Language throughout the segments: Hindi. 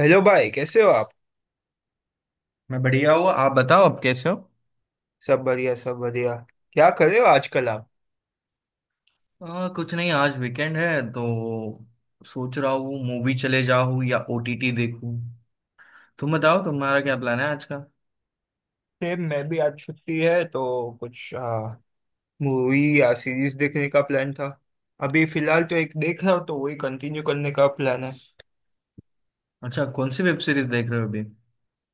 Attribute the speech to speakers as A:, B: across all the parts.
A: हेलो भाई, कैसे हो आप।
B: मैं बढ़िया हूँ। आप बताओ, आप कैसे हो?
A: सब बढ़िया, सब बढ़िया। क्या कर रहे हो आजकल आप।
B: कुछ नहीं, आज वीकेंड है तो सोच रहा हूँ मूवी चले जाऊँ या ओटीटी देखूँ। तुम बताओ, तुम्हारा क्या प्लान है आज का?
A: फिर मैं भी आज छुट्टी है तो कुछ मूवी या सीरीज देखने का प्लान था। अभी फिलहाल तो एक देख रहा हूँ तो वही कंटिन्यू करने का प्लान है।
B: अच्छा, कौन सी वेब सीरीज देख रहे हो अभी?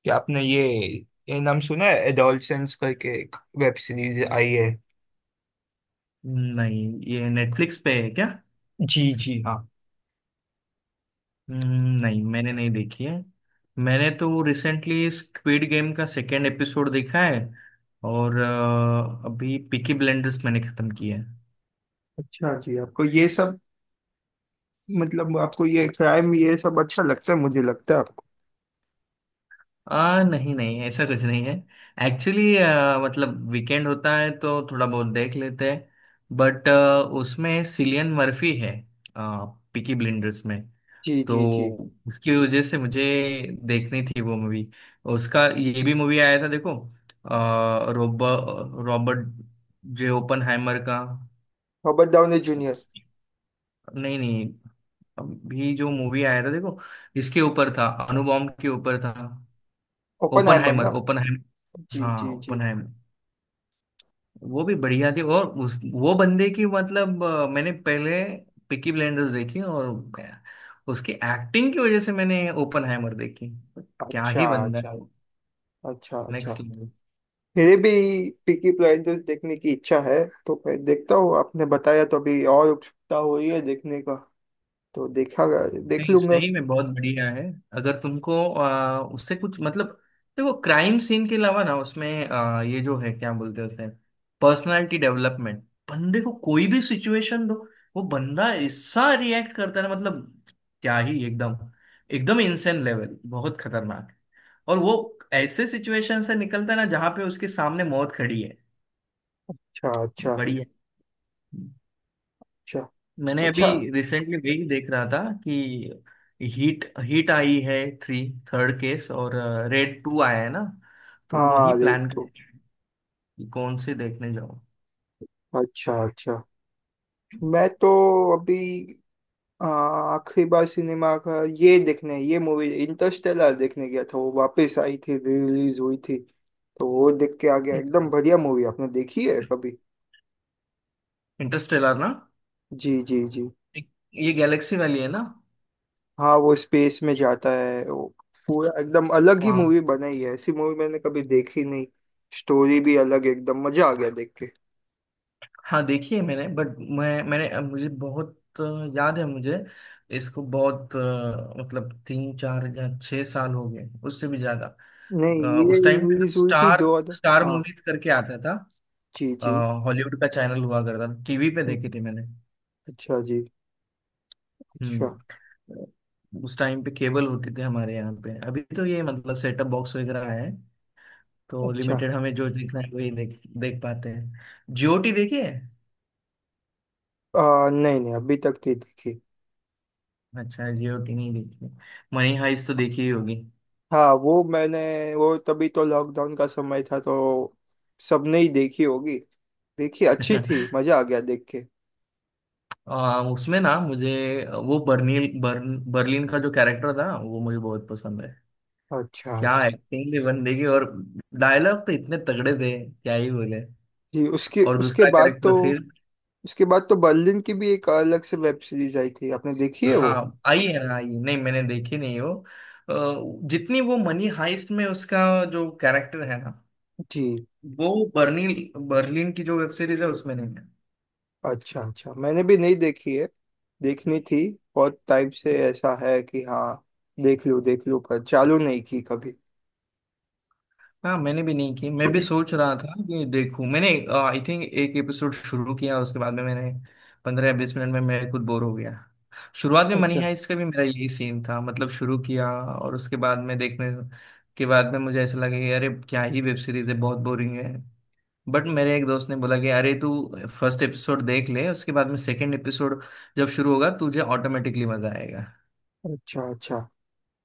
A: कि आपने ये नाम सुना है, एडोलसेंस करके एक वेब सीरीज आई है।
B: नहीं। ये नेटफ्लिक्स पे है क्या?
A: जी जी हाँ।
B: नहीं, मैंने नहीं देखी है। मैंने तो रिसेंटली स्क्विड गेम का सेकेंड एपिसोड देखा है। और अभी पीकी ब्लेंडर्स मैंने खत्म किया है।
A: अच्छा जी, आपको ये सब मतलब आपको ये क्राइम ये सब अच्छा लगता है, मुझे लगता है आपको।
B: नहीं नहीं, ऐसा कुछ नहीं है। एक्चुअली, मतलब वीकेंड होता है तो थोड़ा बहुत देख लेते हैं, बट उसमें सिलियन मर्फी है। आ, पिकी ब्लिंडर्स में।
A: जी
B: तो
A: जी जी।
B: उसकी वजह से मुझे देखनी थी वो मूवी। उसका ये भी मूवी आया था देखो। रोब रॉबर्ट जे ओपनहाइमर का।
A: Robert Downey Junior.
B: नहीं नहीं, अभी जो मूवी आया था देखो, इसके ऊपर था, अणुबॉम्ब के ऊपर था।
A: ओपनहाइमर
B: ओपनहाइमर,
A: ना।
B: ओपनहाइमर।
A: जी
B: हाँ,
A: जी जी।
B: ओपनहाइमर। वो भी बढ़िया थी। और उस वो बंदे की मतलब, मैंने पहले पिकी ब्लेंडर्स देखी और गया, उसकी एक्टिंग की वजह से मैंने ओपनहाइमर देखी। क्या
A: अच्छा
B: ही बंदा
A: अच्छा।
B: है।
A: अच्छा अच्छा।
B: Next level.
A: मेरे भी पीकी ब्लाइंडर्स देखने की इच्छा है। तो मैं देखता हूँ, आपने बताया तो अभी और उत्सुकता हो रही है देखने का। तो देखा, देख
B: नहीं,
A: लूंगा।
B: सही में बहुत बढ़िया है। अगर तुमको उससे कुछ मतलब, देखो क्राइम सीन के अलावा ना उसमें ये जो है क्या बोलते हैं उसे, पर्सनालिटी डेवलपमेंट। बंदे को कोई भी सिचुएशन दो, वो बंदा ऐसा रिएक्ट करता है ना, मतलब क्या ही एकदम, एकदम इंसेंट लेवल, बहुत खतरनाक। और वो ऐसे सिचुएशन से निकलता है ना जहाँ पे उसके सामने मौत खड़ी है।
A: अच्छा अच्छा।
B: बढ़िया।
A: अच्छा
B: मैंने अभी
A: अच्छा।
B: रिसेंटली वही देख रहा था कि हीट, हीट आई है थ्री, थर्ड केस, और रेड टू आया है ना, तो
A: हाँ,
B: वही
A: अरे
B: प्लान
A: तो।
B: कर कि कौन से देखने जाऊँ।
A: अच्छा अच्छा। मैं तो अभी आखिरी बार सिनेमा का ये देखने, ये मूवी इंटरस्टेलर देखने गया था, वो वापस आई थी, रिलीज हुई थी। तो वो देख के आ गया, एकदम बढ़िया मूवी। आपने देखी है कभी।
B: इंटरस्टेलर ना?
A: जी जी जी।
B: ये गैलेक्सी वाली है ना?
A: हाँ, वो स्पेस में जाता है वो, पूरा एकदम अलग ही
B: हाँ।
A: मूवी बनाई है, ऐसी मूवी मैंने कभी देखी नहीं। स्टोरी भी अलग, एकदम मजा आ गया देख के।
B: हाँ, देखी है मैंने, बट मैं मैंने मुझे बहुत याद है मुझे, इसको बहुत, मतलब 3 4 या 6 साल हो गए, उससे भी ज्यादा।
A: नहीं ये
B: उस टाइम पे
A: रिलीज हुई थी
B: स्टार
A: 2000।
B: स्टार
A: हाँ।
B: मूवीज करके आता था,
A: जी जी।
B: हॉलीवुड का चैनल हुआ करता था, टीवी पे
A: हम्म।
B: देखी थी मैंने।
A: अच्छा जी।
B: हम्म।
A: अच्छा
B: उस टाइम पे केबल होते थे हमारे यहाँ पे, अभी तो ये मतलब सेटअप बॉक्स वगैरह आया है। तो
A: अच्छा।
B: लिमिटेड, हमें जो देखना है वही देख देख पाते हैं। जियोटी देखी है?
A: नहीं नहीं, अभी तक नहीं देखी।
B: अच्छा, जियोटी नहीं देखी। मनी हाइस्ट तो देखी ही होगी।
A: हाँ वो मैंने, वो तभी तो लॉकडाउन का समय था, तो सबने ही देखी होगी। देखी, अच्छी थी, मजा आ गया देख के।
B: उसमें ना मुझे वो बर्नील बर्न बर्लिन का जो कैरेक्टर था वो मुझे बहुत पसंद है।
A: अच्छा
B: क्या
A: अच्छा
B: एक्टिंग थी बंदे की, और डायलॉग तो इतने तगड़े थे, क्या ही बोले।
A: जी। उसके
B: और दूसरा कैरेक्टर फिर।
A: उसके बाद तो बर्लिन की भी एक अलग से वेब सीरीज आई थी, आपने देखी है वो।
B: हाँ, आई है ना, आई नहीं, मैंने देखी नहीं हो। जितनी वो मनी हाइस्ट में उसका जो कैरेक्टर है ना,
A: जी।
B: वो बर्लिन, बर्लिन की जो वेब सीरीज है उसमें नहीं है।
A: अच्छा अच्छा, मैंने भी नहीं देखी है, देखनी थी। बहुत टाइम से ऐसा है कि हाँ, देख लूँ देख लूँ, पर चालू नहीं की कभी।
B: हाँ, मैंने भी नहीं की, मैं भी सोच रहा था कि देखूं। मैंने आई थिंक एक एपिसोड शुरू किया, उसके बाद में मैंने 15 या 20 मिनट में मैं खुद बोर हो गया। शुरुआत में मनी
A: अच्छा
B: हाइस्ट का भी मेरा यही सीन था, मतलब शुरू किया और उसके बाद में देखने के बाद में मुझे ऐसा लगा कि अरे क्या ही वेब सीरीज है, बहुत बोरिंग है। बट मेरे एक दोस्त ने बोला कि अरे तू फर्स्ट एपिसोड देख ले, उसके बाद में सेकंड एपिसोड जब शुरू होगा तुझे ऑटोमेटिकली मजा आएगा।
A: अच्छा। अच्छा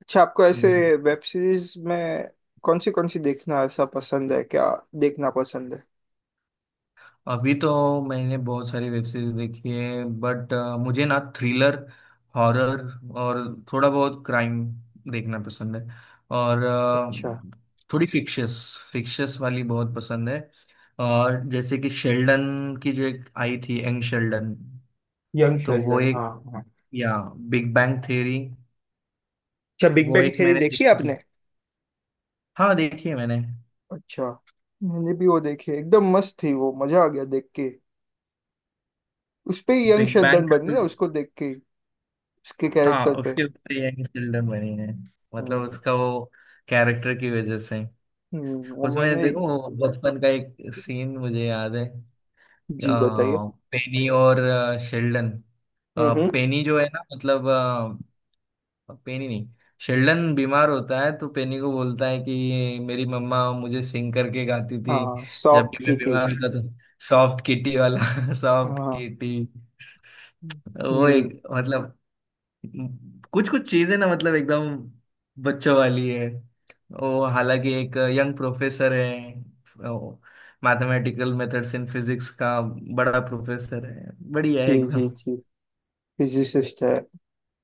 A: अच्छा, आपको ऐसे
B: हम्म।
A: वेब सीरीज में कौन सी देखना ऐसा पसंद है, क्या देखना पसंद है।
B: अभी तो मैंने बहुत सारी वेब सीरीज देखी है, बट मुझे ना थ्रिलर, हॉरर, और थोड़ा बहुत क्राइम देखना पसंद है। और
A: अच्छा।
B: थोड़ी फिक्शियस, फिक्शियस वाली बहुत पसंद है। और जैसे कि शेल्डन की जो एक आई थी, यंग शेल्डन,
A: यंग
B: तो वो
A: शेल्डन,
B: एक,
A: हाँ। हाँ।
B: या बिग बैंग थ्योरी।
A: अच्छा, बिग
B: वो
A: बैंग
B: एक
A: थ्योरी
B: मैंने
A: देखी
B: देखी।
A: आपने।
B: हाँ, देखी है मैंने।
A: अच्छा, मैंने भी वो देखी है, एकदम मस्त थी वो, मजा आ गया देख के। उस पे यंग
B: बिग बैंग
A: शेल्डन
B: का
A: बने
B: जो,
A: ना, उसको देख के, उसके
B: हाँ,
A: कैरेक्टर पे।
B: उसके ऊपर ये यंग चिल्ड्रन बनी है, मतलब
A: हम्म
B: उसका वो कैरेक्टर की वजह से।
A: वो
B: उसमें
A: मैंने।
B: देखो वो बचपन का एक सीन मुझे याद है।
A: जी, बताइए।
B: पेनी और शेल्डन,
A: हम्म हम्म,
B: पेनी जो है ना, मतलब पेनी नहीं, शेल्डन बीमार होता है तो पेनी को बोलता है कि मेरी मम्मा मुझे सिंग करके गाती थी
A: हाँ
B: जब
A: सॉफ्ट
B: भी
A: की
B: मैं
A: थी।
B: बीमार होता था, सॉफ्ट किटी वाला। सॉफ्ट
A: हाँ।
B: किटी। वो
A: हम्म।
B: एक मतलब कुछ कुछ चीजें ना, मतलब एकदम बच्चों वाली है। वो हालांकि एक यंग प्रोफेसर है, मैथमेटिकल मेथड्स इन फिजिक्स का बड़ा प्रोफेसर है, बढ़िया है
A: जी जी
B: एकदम।
A: जी, फिजिसिस्ट है।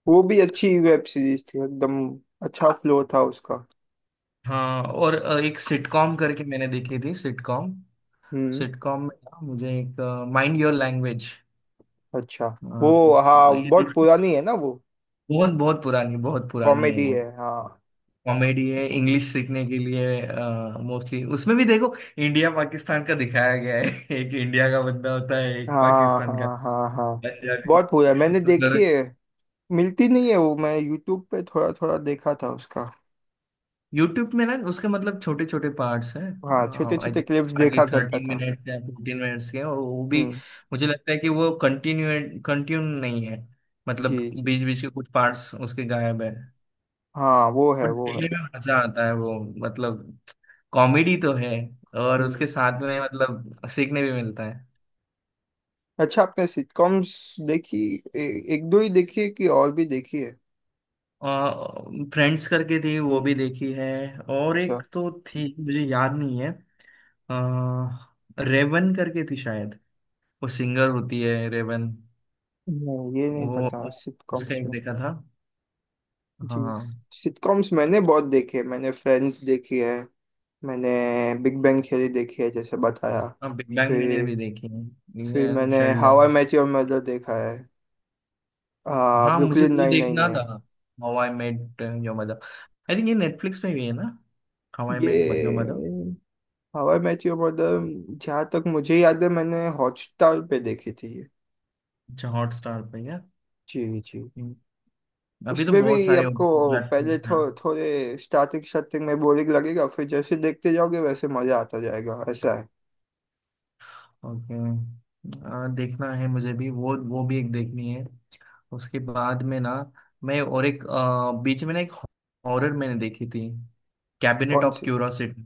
A: वो भी अच्छी वेब सीरीज थी एकदम, अच्छा फ्लो था उसका।
B: हाँ, और एक सिटकॉम करके मैंने देखी थी सिटकॉम।
A: हम्म।
B: सिटकॉम में ना मुझे एक, माइंड योर लैंग्वेज,
A: अच्छा। वो। हाँ
B: ये
A: बहुत
B: देखी-
A: पुरानी है ना वो।
B: बहुत बहुत पुरानी, बहुत पुरानी है
A: कॉमेडी
B: ये।
A: है, हाँ।
B: कॉमेडी है इंग्लिश सीखने के लिए, मोस्टली उसमें भी देखो इंडिया पाकिस्तान का दिखाया गया है। एक इंडिया का बंदा होता है, एक
A: हाँ
B: पाकिस्तान का।
A: हाँ हाँ। हाँ बहुत पूरा मैंने देखी
B: पंजाबी।
A: है। मिलती नहीं है वो, मैं यूट्यूब पे थोड़ा थोड़ा देखा था उसका।
B: यूट्यूब में ना उसके मतलब छोटे छोटे पार्ट्स हैं।
A: हाँ, छोटे
B: आई
A: छोटे
B: थिंक
A: क्लिप्स
B: हार्डली
A: देखा करता
B: थर्टीन
A: था।
B: मिनट या फोर्टीन मिनट्स के हैं, और वो भी
A: हम्म।
B: मुझे लगता है कि वो कंटिन्यू कंटिन्यू नहीं है, मतलब
A: जी जी।
B: बीच बीच के कुछ पार्ट्स उसके गायब है।
A: हाँ वो है
B: बट
A: वो है।
B: देखने में मजा आता है वो, मतलब कॉमेडी तो है, और उसके
A: हम्म।
B: साथ में मतलब सीखने भी मिलता है।
A: अच्छा, आपने सिटकॉम्स देखी, ए, एक दो ही देखी है कि और भी देखी है।
B: और फ्रेंड्स करके थी, वो भी देखी है। और
A: अच्छा।
B: एक तो थी मुझे याद नहीं है, रेवन करके थी शायद, वो सिंगर होती है रेवन।
A: नहीं ये नहीं
B: वो
A: पता
B: वो- उसका
A: सिटकॉम्स
B: एक
A: में।
B: देखा था।
A: जी,
B: हाँ।
A: सिटकॉम्स मैंने बहुत देखी है, मैंने फ्रेंड्स देखी है, मैंने बिग बैंग थ्योरी देखी है जैसे बताया।
B: हाँ, बिग बैंग मैंने
A: फिर
B: भी देखी है
A: फिर
B: इंडियन
A: मैंने How I
B: Sheldon.
A: Met Your Mother देखा है।
B: हाँ, मुझे
A: ब्रुकलिन
B: वो
A: 99
B: देखना
A: है।
B: था, How I Met Your Mother. I think ये नेटफ्लिक्स पे भी है ना, हाउ आई
A: ये
B: मेट मरियो Mother?
A: How I Met Your Mother, जहाँ तक मुझे याद है मैंने हॉटस्टार पे देखी थी ये।
B: अच्छा, हॉटस्टार पे है।
A: जी जी।
B: हम्म। अभी तो
A: उसमें
B: बहुत
A: भी
B: सारे
A: आपको पहले
B: प्लेटफॉर्म्स हैं।
A: थोड़े स्टार्टिंग स्टार्टिंग में बोरिंग लगेगा, फिर जैसे देखते जाओगे वैसे मजा आता जाएगा, ऐसा है।
B: ओके, देखना है मुझे भी वो भी एक देखनी है। उसके बाद में ना मैं और एक, बीच में ना एक हॉरर मैंने देखी थी, कैबिनेट
A: कौन
B: ऑफ
A: सी।
B: क्यूरोसिटी।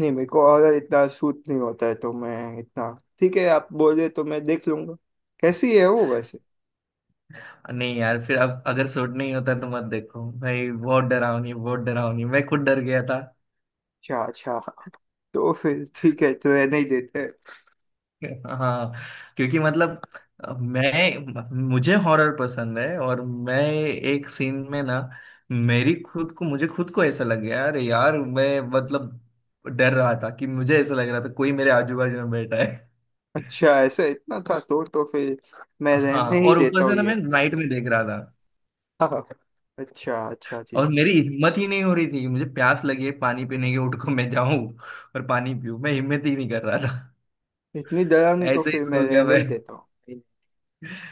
A: नहीं मेरे को और इतना सूट नहीं होता है तो मैं इतना। ठीक है, आप बोले तो मैं देख लूंगा, कैसी है वो वैसे।
B: नहीं यार, फिर अब अगर सूट नहीं होता तो मत देखो भाई, बहुत डरावनी, बहुत डरावनी, मैं खुद डर गया था।
A: अच्छा अच्छा। तो फिर ठीक है, तो रहने ही देते हैं।
B: हाँ, क्योंकि मतलब मैं मुझे हॉरर पसंद है, और मैं एक सीन में ना मेरी खुद को मुझे खुद को ऐसा लग गया, अरे यार मैं मतलब डर रहा था, कि मुझे ऐसा लग रहा था कोई मेरे आजू बाजू में बैठा है।
A: अच्छा, ऐसा इतना था तो फिर मैं
B: हाँ,
A: रहने ही
B: और ऊपर
A: देता हूँ
B: से ना मैं
A: ये।
B: नाइट में देख रहा था,
A: हाँ। अच्छा अच्छा जी।
B: और मेरी हिम्मत ही नहीं हो रही थी कि मुझे प्यास लगी है पानी पीने की, उठ को मैं जाऊं और पानी पीऊं, मैं हिम्मत ही नहीं कर रहा था।
A: इतनी डरावनी तो
B: ऐसे ही
A: फिर मैं
B: सो गया
A: रहने
B: मैं।
A: ही देता हूँ,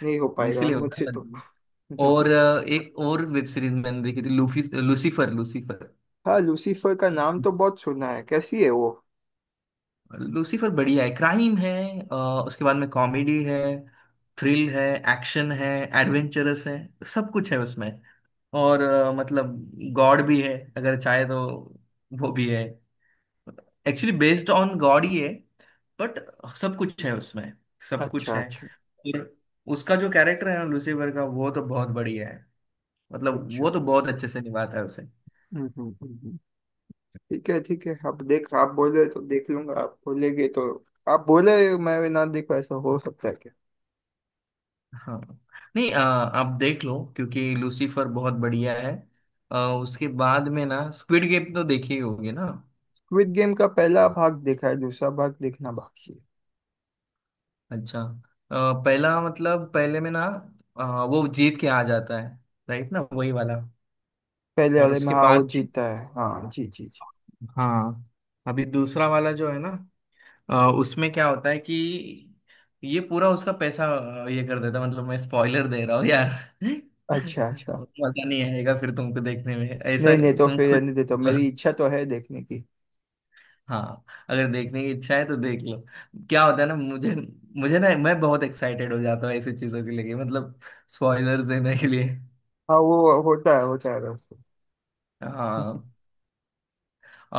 A: नहीं हो पाएगा
B: इसलिए होता
A: मुझसे
B: है।
A: तो।
B: और एक और वेब सीरीज मैंने देखी थी, लूफी लूसीफर लूसीफर।
A: हाँ, लूसीफर का नाम तो बहुत सुना है, कैसी है वो।
B: लूसीफर बढ़िया है, क्राइम है, अ, उसके बाद में कॉमेडी है, थ्रिल है, एक्शन है, एडवेंचरस है, सब कुछ है उसमें। और मतलब गॉड भी है अगर चाहे तो, वो भी है, एक्चुअली बेस्ड ऑन गॉड ही है, बट सब कुछ है उसमें, सब कुछ
A: अच्छा
B: है।
A: अच्छा।
B: और उसका जो कैरेक्टर है ना लूसीफर का, वो तो बहुत बढ़िया है, मतलब
A: अच्छा।
B: वो तो बहुत अच्छे से निभाता है।
A: हम्म हम्म हम्म, हम्म। ठीक है, ठीक है, अब देख आप बोल रहे तो देख लूंगा, आप बोलेंगे तो आप बोले, मैं भी ना देखा, ऐसा हो सकता है क्या।
B: हाँ, नहीं आप देख लो क्योंकि लूसीफर बहुत बढ़िया है। उसके बाद में ना स्क्विड गेम तो देखे ही होंगे ना?
A: स्क्विड गेम का पहला भाग देखा है, दूसरा भाग देखना बाकी है।
B: अच्छा। अ, पहला, मतलब पहले में ना, अ, वो जीत के आ जाता है, राइट ना, वही वाला।
A: पहले
B: और
A: वाले में
B: उसके
A: हाँ वो
B: बाद,
A: जीतता है, हाँ। जी जी जी।
B: हाँ, अभी दूसरा वाला जो है ना, उसमें क्या होता है कि ये पूरा उसका पैसा ये कर देता है, मतलब मैं स्पॉइलर दे रहा हूँ यार।
A: अच्छा अच्छा।
B: मजा नहीं आएगा फिर तुमको देखने में ऐसा।
A: नहीं नहीं, तो
B: तुम
A: फिर
B: खुद
A: रहने देता हूँ। मेरी इच्छा तो है देखने की।
B: हाँ, अगर देखने की इच्छा है तो देख लो। क्या होता है ना मुझे, मुझे ना मैं बहुत एक्साइटेड हो जाता हूँ ऐसी चीजों के लिए, मतलब स्पॉयलर्स देने के लिए।
A: हाँ वो होता है वैसे।
B: हाँ,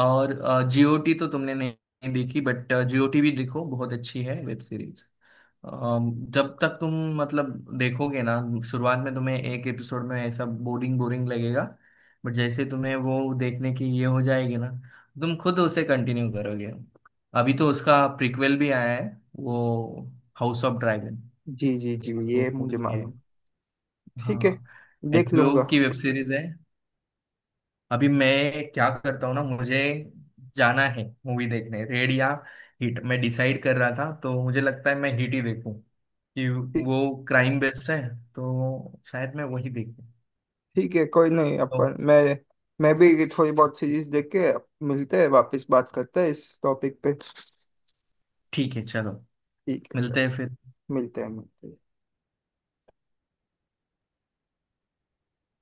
B: और जीओटी तो तुमने नहीं देखी, बट जीओटी भी देखो, बहुत अच्छी है वेब सीरीज। जब तक तुम, मतलब देखोगे ना, शुरुआत में तुम्हें एक एपिसोड में ऐसा बोरिंग बोरिंग लगेगा, बट जैसे तुम्हें वो देखने की ये हो जाएगी ना, तुम खुद उसे कंटिन्यू करोगे। अभी तो उसका प्रीक्वल भी आया है, वो हाउस ऑफ ड्रैगन,
A: जी जी जी,
B: तो
A: ये
B: वो
A: मुझे
B: भी है।
A: मालूम। ठीक है,
B: हाँ,
A: देख
B: एचबीओ
A: लूंगा।
B: की वेब सीरीज है। अभी मैं क्या करता हूँ ना, मुझे जाना है मूवी देखने, रेड या हिट मैं डिसाइड कर रहा था, तो मुझे लगता है मैं हिट ही देखूं, कि
A: ठी-
B: वो क्राइम बेस्ड है, तो शायद मैं वही देखूं।
A: ठीक है, कोई नहीं
B: तो
A: अपन, मैं भी थोड़ी बहुत सीरीज देख के मिलते हैं, वापस बात करते हैं इस टॉपिक पे।
B: ठीक है, चलो,
A: ठीक है
B: मिलते
A: चलो।
B: हैं फिर।
A: मिलते हैं, मिलते हैं।